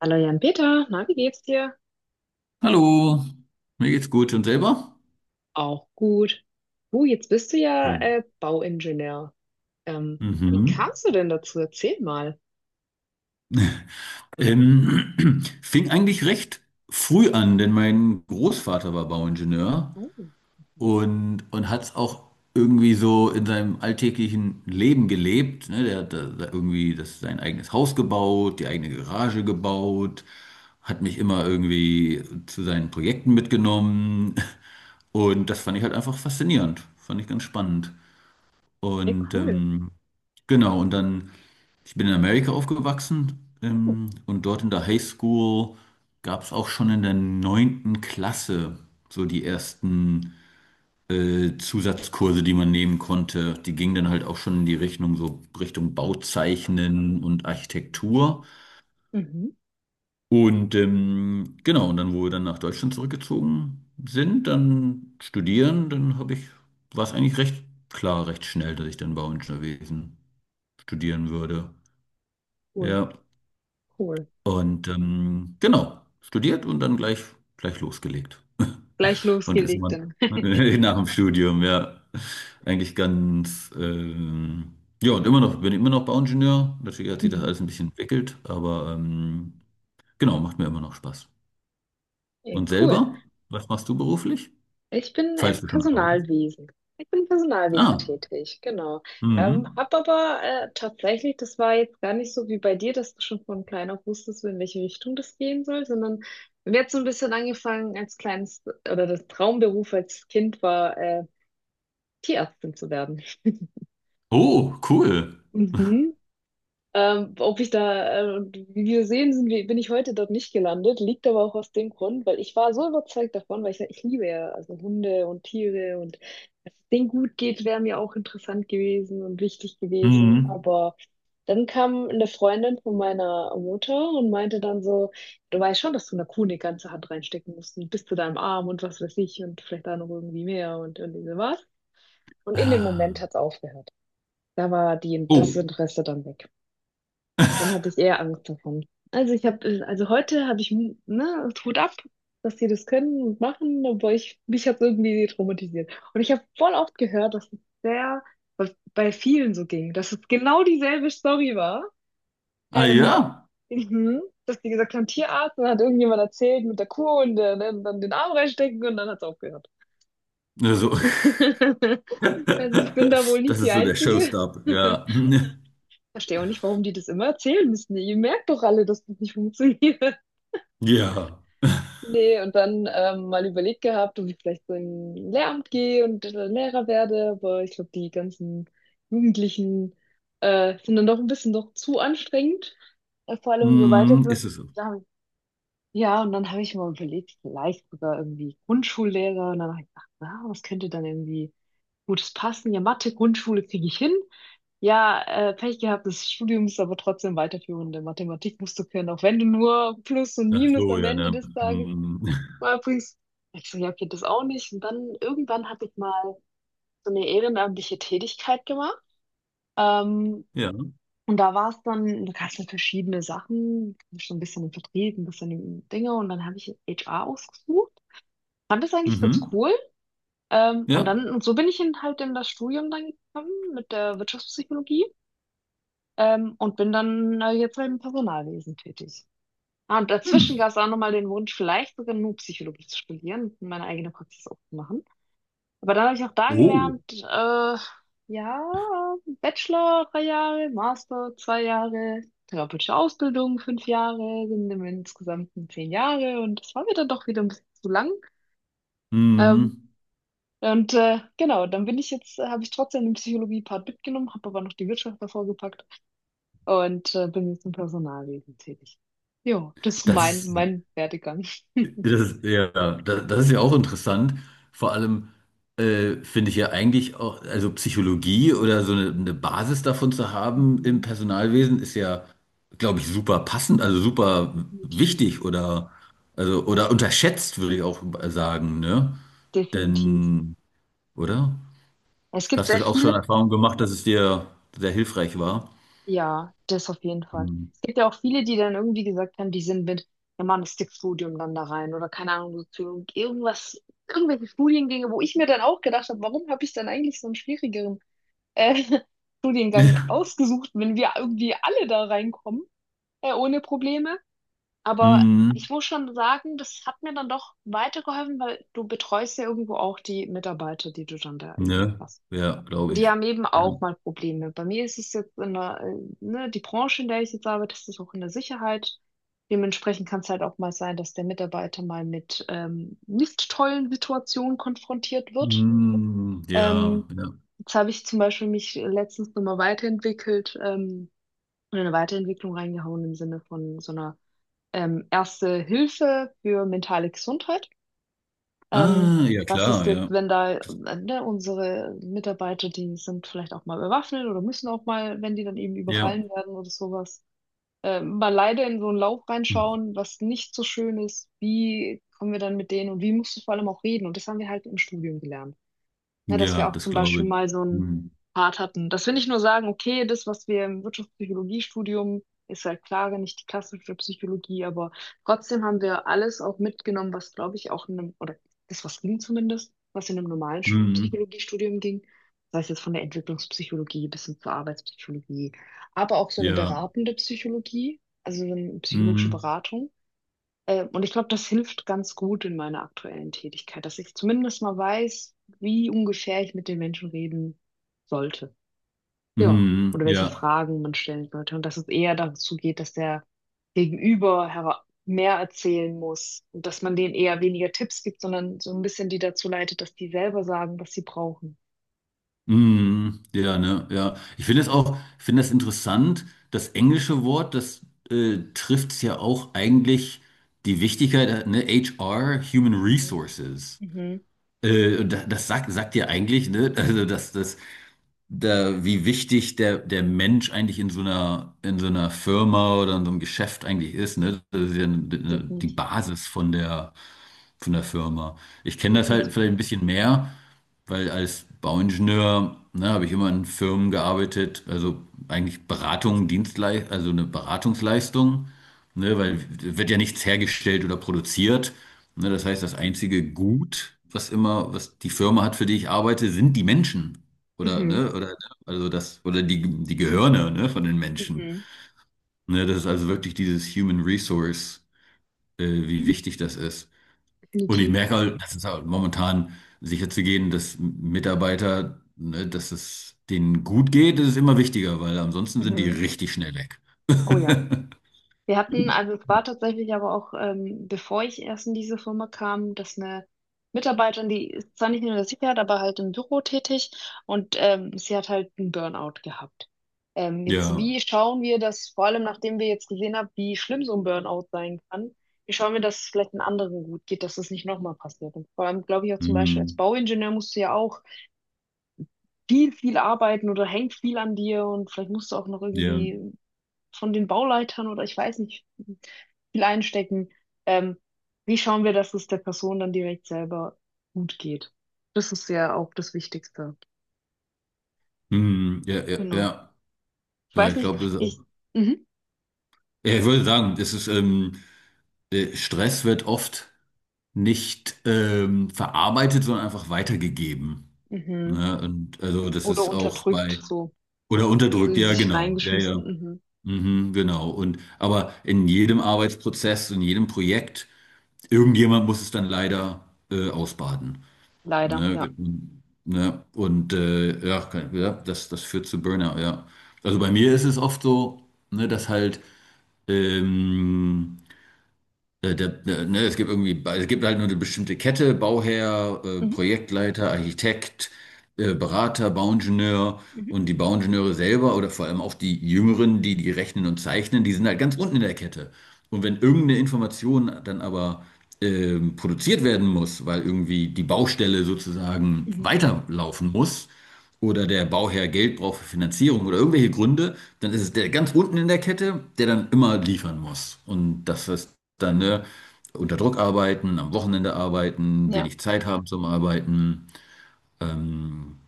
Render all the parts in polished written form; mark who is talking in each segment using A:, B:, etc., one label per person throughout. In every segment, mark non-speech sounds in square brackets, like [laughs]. A: Hallo Jan-Peter, na, wie geht's dir?
B: Hallo, mir geht's gut und selber?
A: Auch gut. Du, jetzt bist du ja
B: Schön.
A: Bauingenieur. Ähm, wie
B: Mhm.
A: kamst du denn dazu? Erzähl mal.
B: [clears throat] Fing eigentlich recht früh an, denn mein Großvater war Bauingenieur
A: Oh, mhm.
B: und hat es auch irgendwie so in seinem alltäglichen Leben gelebt. Ne? Der hat da irgendwie das, sein eigenes Haus gebaut, die eigene Garage gebaut, hat mich immer irgendwie zu seinen Projekten mitgenommen [laughs] und das fand ich halt einfach faszinierend, fand ich ganz spannend.
A: Ja,
B: Und
A: cool.
B: genau, und dann, ich bin in Amerika aufgewachsen und dort in der High School gab es auch schon in der neunten Klasse so die ersten Zusatzkurse, die man nehmen konnte. Die gingen dann halt auch schon in die Richtung, so Richtung Bauzeichnen und Architektur.
A: Mhm,
B: Und genau, und dann, wo wir dann nach Deutschland zurückgezogen sind, dann studieren, war es eigentlich recht klar, recht schnell, dass ich dann Bauingenieurwesen studieren würde.
A: cool,
B: Ja,
A: cool.
B: und genau, studiert und gleich losgelegt.
A: Gleich
B: Und ist
A: losgelegt
B: man
A: dann.
B: [laughs]
A: [laughs]
B: nach dem Studium, ja, eigentlich ganz, ähm, ja, und immer noch, bin immer noch Bauingenieur. Natürlich hat sich das
A: Mhm.
B: alles ein bisschen entwickelt, aber genau, macht mir immer noch Spaß.
A: Ja,
B: Und
A: cool.
B: selber, was machst du beruflich?
A: Ich bin
B: Falls
A: im
B: du schon arbeitest.
A: Personalwesen. Ich bin im Personalwesen
B: Ah,
A: tätig, genau.
B: mhm.
A: Hab aber tatsächlich, das war jetzt gar nicht so wie bei dir, dass du schon von klein auf wusstest, in welche Richtung das gehen soll, sondern mir hat so ein bisschen angefangen als kleines, oder das Traumberuf als Kind war, Tierärztin zu werden. [laughs]
B: Oh, cool.
A: Mhm. Ob ich da, wie wir sehen, bin ich heute dort nicht gelandet. Liegt aber auch aus dem Grund, weil ich war so überzeugt davon, weil ich liebe ja also Hunde und Tiere und dass es denen gut geht, wäre mir auch interessant gewesen und wichtig gewesen.
B: Mhm.
A: Aber dann kam eine Freundin von meiner Mutter und meinte dann so, du weißt schon, dass du einer Kuh eine ganze Hand reinstecken musst und bis zu deinem Arm und was weiß ich und vielleicht da noch irgendwie mehr und so was. Und in dem Moment
B: Ah.
A: hat es aufgehört. Da war das
B: Oh,
A: Interesse dann weg. Dann hatte ich eher Angst davon. Also ich habe, also heute habe ich, ne, Hut ab, dass die das können und machen, aber mich hat irgendwie traumatisiert. Und ich habe voll oft gehört, dass es sehr, bei vielen so ging, dass es genau dieselbe Story war.
B: [laughs] ah ja,
A: Ähm, mhm, dass die gesagt haben, Tierarzt, und dann hat irgendjemand erzählt mit der Kuh und dann den Arm reinstecken und dann hat es aufgehört.
B: also [laughs]
A: [laughs] Also ich bin
B: [laughs]
A: da wohl
B: Das
A: nicht die
B: ist so der
A: Einzige.
B: Showstopper,
A: [laughs]
B: ja. [laughs]
A: Verstehe auch nicht, warum die das immer erzählen müssen. Ihr merkt doch alle, dass das nicht funktioniert.
B: Ja.
A: Nee, und dann mal überlegt gehabt, ob ich vielleicht so in ein Lehramt gehe und Lehrer werde, aber ich glaube, die ganzen Jugendlichen sind dann doch ein bisschen noch zu anstrengend, vor allem so
B: Mhm,
A: weiterführend.
B: ist es so.
A: Dann- Ja, und dann habe ich mal überlegt, vielleicht sogar irgendwie Grundschullehrer und dann habe ich gedacht, na, was könnte dann irgendwie Gutes passen? Ja, Mathe, Grundschule kriege ich hin. Ja, Pech gehabt, das Studium ist aber trotzdem weiterführende Mathematik musst du können, auch wenn du nur Plus und
B: Ach
A: Minus
B: so,
A: am
B: ja,
A: Ende
B: ne?
A: des Tages
B: Mhm. [laughs]
A: war übrigens, ich so, ja, okay, das auch nicht. Und dann irgendwann habe ich mal so eine ehrenamtliche Tätigkeit gemacht. Ähm,
B: Ja.
A: und da war es dann, da gab es dann verschiedene Sachen, schon ein bisschen im Vertrieb, ein bisschen im Dinge. Und dann habe ich HR ausgesucht. Fand das eigentlich ganz
B: Mhm.
A: cool. Und
B: Ja.
A: dann, und so bin ich in, halt in das Studium dann gekommen mit der Wirtschaftspsychologie. Und bin dann jetzt halt im Personalwesen tätig. Ah, und dazwischen gab
B: Hm.
A: es auch nochmal den Wunsch, vielleicht sogar nur Psychologie zu studieren und meine eigene Praxis aufzumachen. Aber dann habe ich auch da
B: Oh.
A: gelernt, ja, Bachelor 3 Jahre, Master 2 Jahre, therapeutische Ausbildung 5 Jahre, sind im insgesamten 10 Jahre und das war mir dann doch wieder ein bisschen zu lang. Ähm,
B: Mhm.
A: genau, dann bin ich jetzt, habe ich trotzdem den Psychologie-Part mitgenommen, habe aber noch die Wirtschaft davor gepackt und bin jetzt im Personalwesen tätig. Ja, das ist
B: Das
A: mein,
B: ist.
A: mein Werdegang. [laughs]
B: Das, ja, das ist ja auch interessant. Vor allem finde ich ja eigentlich auch, also Psychologie oder so eine Basis davon zu haben im
A: Mhm.
B: Personalwesen ist ja, glaube ich, super passend, also super
A: Definitiv,
B: wichtig oder, also, oder unterschätzt, würde ich auch sagen, ne?
A: definitiv.
B: Denn, oder?
A: Es gibt
B: Hast
A: sehr
B: du auch
A: viele.
B: schon Erfahrung gemacht, dass es dir sehr hilfreich war?
A: Ja, das auf jeden Fall.
B: Mhm.
A: Es gibt ja auch viele, die dann irgendwie gesagt haben, die sind mit Germanistikstudium dann da rein oder keine Ahnung, Soziologie, irgendwas, irgendwelche Studiengänge, wo ich mir dann auch gedacht habe, warum habe ich dann eigentlich so einen schwierigeren äh, [laughs] Studiengang
B: [laughs]
A: ausgesucht, wenn wir irgendwie alle da reinkommen, ohne Probleme. Aber
B: Mhm.
A: ich muss schon sagen, das hat mir dann doch weitergeholfen, weil du betreust ja irgendwo auch die Mitarbeiter, die du dann da eben
B: Ne?
A: hast.
B: Ja,
A: Und
B: glaube
A: die
B: ich.
A: haben eben
B: Ja.
A: auch mal Probleme. Bei mir ist es jetzt in der, ne, die Branche, in der ich jetzt arbeite, das ist auch in der Sicherheit. Dementsprechend kann es halt auch mal sein, dass der Mitarbeiter mal mit nicht tollen Situationen konfrontiert wird.
B: Mhm. Ja,
A: Ähm,
B: ja.
A: jetzt habe ich zum Beispiel mich letztens nochmal weiterentwickelt und in eine Weiterentwicklung reingehauen im Sinne von so einer Erste Hilfe für mentale Gesundheit. Ähm,
B: Ah, ja
A: was ist
B: klar,
A: jetzt,
B: ja.
A: wenn da ne, unsere Mitarbeiter, die sind vielleicht auch mal bewaffnet oder müssen auch mal, wenn die dann eben
B: Ja.
A: überfallen werden oder sowas, mal leider in so einen Lauf
B: Hm.
A: reinschauen, was nicht so schön ist. Wie kommen wir dann mit denen und wie musst du vor allem auch reden? Und das haben wir halt im Studium gelernt. Ja, dass
B: Ja,
A: wir auch
B: das
A: zum
B: glaube
A: Beispiel
B: ich.
A: mal so einen
B: Hm.
A: Part hatten. Dass wir nicht nur sagen, okay, das, was wir im Wirtschaftspsychologiestudium, ist halt klar nicht die klassische Psychologie, aber trotzdem haben wir alles auch mitgenommen, was, glaube ich, auch in einem, oder das, was ging zumindest, was in einem normalen
B: Hm.
A: Psychologiestudium ging. Sei es jetzt von der Entwicklungspsychologie bis hin zur Arbeitspsychologie, aber auch so eine
B: Ja.
A: beratende Psychologie, also so eine psychologische
B: Hm.
A: Beratung. Und ich glaube, das hilft ganz gut in meiner aktuellen Tätigkeit, dass ich zumindest mal weiß, wie ungefähr ich mit den Menschen reden sollte. Ja,
B: Hm.
A: oder welche
B: Ja.
A: Fragen man stellen sollte. Und dass es eher dazu geht, dass der Gegenüber mehr erzählen muss und dass man denen eher weniger Tipps gibt, sondern so ein bisschen die dazu leitet, dass die selber sagen, was sie brauchen.
B: Hm. Ja, ne, ja. Ich finde es auch, ich finde das interessant, das englische Wort, das trifft ja auch eigentlich die Wichtigkeit, ne, HR, Human
A: Mhm.
B: Resources.
A: Mhm.
B: Das sagt, sagt dir eigentlich, ne? Also, dass das, da, wie wichtig der Mensch eigentlich in so in so einer Firma oder in so einem Geschäft eigentlich ist, ne? Das ist ja die
A: Definitiv.
B: Basis von der Firma. Ich kenne das halt
A: Definitiv.
B: vielleicht ein bisschen mehr, weil als Bauingenieur, ne, habe ich immer in Firmen gearbeitet, also eigentlich Beratung, Dienstleistung, also eine Beratungsleistung, ne,
A: Mhm.
B: weil wird ja nichts hergestellt oder produziert. Ne, das heißt, das einzige Gut, was immer, was die Firma hat, für die ich arbeite, sind die Menschen. Oder,
A: Mhm.
B: ne, oder, also das, oder die Gehirne, ne, von den Menschen.
A: Mhm.
B: Ne, das ist also wirklich dieses Human Resource, wie wichtig das ist. Und ich
A: Definitiv.
B: merke halt, dass es halt momentan sicher zu gehen, dass Mitarbeiter, ne, dass es denen gut geht, das ist immer wichtiger, weil ansonsten sind die
A: Mhm.
B: richtig schnell weg.
A: Oh ja.
B: [laughs]
A: Wir hatten, also es war tatsächlich aber auch, bevor ich erst in diese Firma kam, dass eine Mitarbeiterin, die ist zwar nicht in der Sicherheit, aber halt im Büro tätig und sie hat halt einen Burnout gehabt. Jetzt,
B: Ja,
A: wie schauen wir das, vor allem nachdem wir jetzt gesehen haben, wie schlimm so ein Burnout sein kann, wie schauen wir, dass es vielleicht einen anderen gut geht, dass das nicht nochmal passiert? Und vor allem, glaube ich, auch zum Beispiel als
B: hm,
A: Bauingenieur musst du ja auch viel, viel arbeiten oder hängt viel an dir und vielleicht musst du auch noch
B: ja,
A: irgendwie von den Bauleitern oder ich weiß nicht, viel einstecken. Ähm, wie schauen wir, dass es der Person dann direkt selber gut geht? Das ist ja auch das Wichtigste.
B: hm, ja, ja,
A: Genau.
B: ja.
A: Ich
B: Ja,
A: weiß
B: ich
A: nicht,
B: glaube, das ist
A: ich,
B: auch.
A: mhm,
B: Ja, ich würde sagen, das ist, Stress wird oft nicht verarbeitet, sondern einfach weitergegeben.
A: mhm.
B: Ne? Und also das
A: Oder
B: ist auch
A: unterdrückt,
B: bei,
A: so
B: oder unterdrückt,
A: in
B: ja,
A: sich
B: genau. Ja,
A: reingeschmissen,
B: ja.
A: mhm.
B: Mhm, genau. Und aber in jedem Arbeitsprozess, in jedem Projekt, irgendjemand muss es dann leider ausbaden.
A: Leider,
B: Ne?
A: ja.
B: Ge-. Ne? Und ja, kann-, ja, das führt zu Burnout, ja. Also bei mir ist es oft so, ne, dass halt ähm, ne, es gibt irgendwie, es gibt halt nur eine bestimmte Kette, Bauherr,
A: Mhm,
B: Projektleiter, Architekt, Berater, Bauingenieur
A: mhm,
B: und die Bauingenieure selber oder vor allem auch die Jüngeren, die rechnen und zeichnen, die sind halt ganz unten in der Kette. Und wenn irgendeine Information dann aber produziert werden muss, weil irgendwie die Baustelle sozusagen
A: mhm.
B: weiterlaufen muss, oder der Bauherr Geld braucht für Finanzierung oder irgendwelche Gründe, dann ist es der ganz unten in der Kette, der dann immer liefern muss. Und das ist dann, ne, unter Druck arbeiten, am Wochenende arbeiten,
A: Ja,
B: wenig Zeit haben zum Arbeiten. Ähm,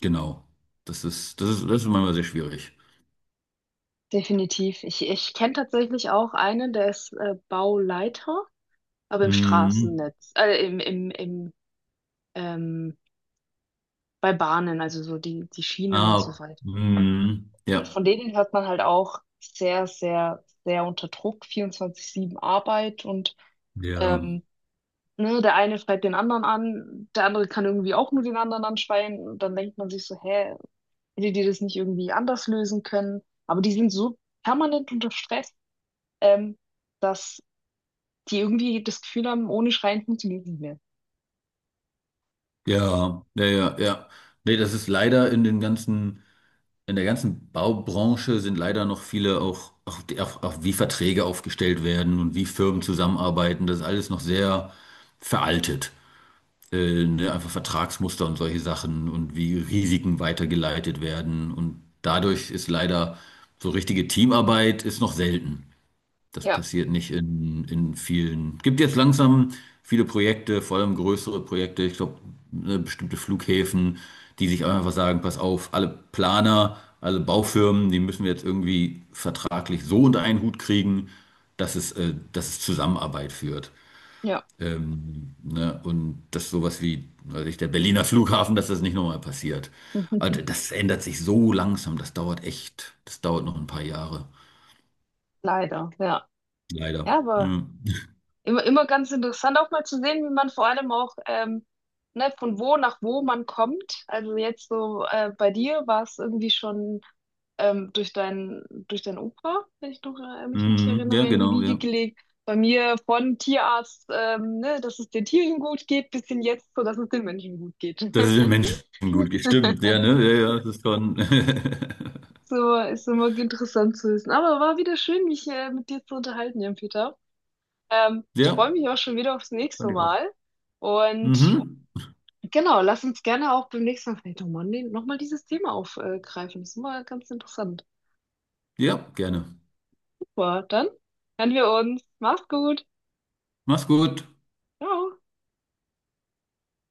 B: genau. Das ist manchmal sehr schwierig.
A: definitiv. Ich kenne tatsächlich auch einen, der ist Bauleiter, aber im
B: Hm.
A: Straßennetz, ähm, bei Bahnen, also so die, die Schienen und so
B: Ah,
A: weiter.
B: hm. Ja.
A: Von denen hört man halt auch sehr, sehr, sehr unter Druck, 24/7 Arbeit und
B: Ja.
A: ähm, ne, der eine schreit den anderen an, der andere kann irgendwie auch nur den anderen anschreien und dann denkt man sich so, hä, hätte die das nicht irgendwie anders lösen können? Aber die sind so permanent unter Stress, ähm, dass die irgendwie das Gefühl haben, ohne Schreien funktioniert es nicht mehr.
B: Ja. Ja, ja, ja. Nee, das ist leider in den ganzen in der ganzen Baubranche sind leider noch viele auch wie Verträge aufgestellt werden und wie Firmen zusammenarbeiten. Das ist alles noch sehr veraltet. Ne, einfach Vertragsmuster und solche Sachen und wie Risiken weitergeleitet werden. Und dadurch ist leider so richtige Teamarbeit ist noch selten. Das
A: Ja,
B: passiert nicht in vielen. Gibt jetzt langsam viele Projekte, vor allem größere Projekte, ich glaube, bestimmte Flughäfen, die sich einfach sagen, pass auf, alle Planer, alle Baufirmen, die müssen wir jetzt irgendwie vertraglich so unter einen Hut kriegen, dass es Zusammenarbeit führt.
A: ja.
B: Ne? Und dass sowas wie, weiß ich, der Berliner Flughafen, dass das nicht nochmal passiert. Also
A: [laughs]
B: das ändert sich so langsam, das dauert noch ein paar Jahre.
A: Leider, ja.
B: Leider.
A: Ja, aber
B: Hm.
A: immer, immer ganz interessant auch mal zu sehen, wie man vor allem auch ne, von wo nach wo man kommt. Also jetzt so bei dir war es irgendwie schon durch dein Opa, wenn ich noch, mich richtig
B: Mhm. Ja,
A: erinnere, in die
B: genau,
A: Wiege
B: ja.
A: gelegt. Bei mir von Tierarzt, ne, dass es den Tieren gut geht, bis hin jetzt, so dass es den Menschen gut geht.
B: Das ist den Menschen gut gestimmt, ja,
A: [laughs]
B: ne? Ja, ja, das ist schon. [laughs]
A: So ist immer interessant zu wissen. Aber war wieder schön, mich mit dir zu unterhalten, Jan-Peter. Ich
B: Ja,
A: freue mich auch schon wieder aufs nächste
B: fand ich auch.
A: Mal. Und
B: Mhm.
A: genau, lass uns gerne auch beim nächsten Mal vielleicht nochmal noch mal dieses Thema aufgreifen. Das ist immer ganz interessant.
B: Ja, gerne.
A: Super, dann hören wir uns. Mach's gut.
B: Mach's gut.
A: Ciao.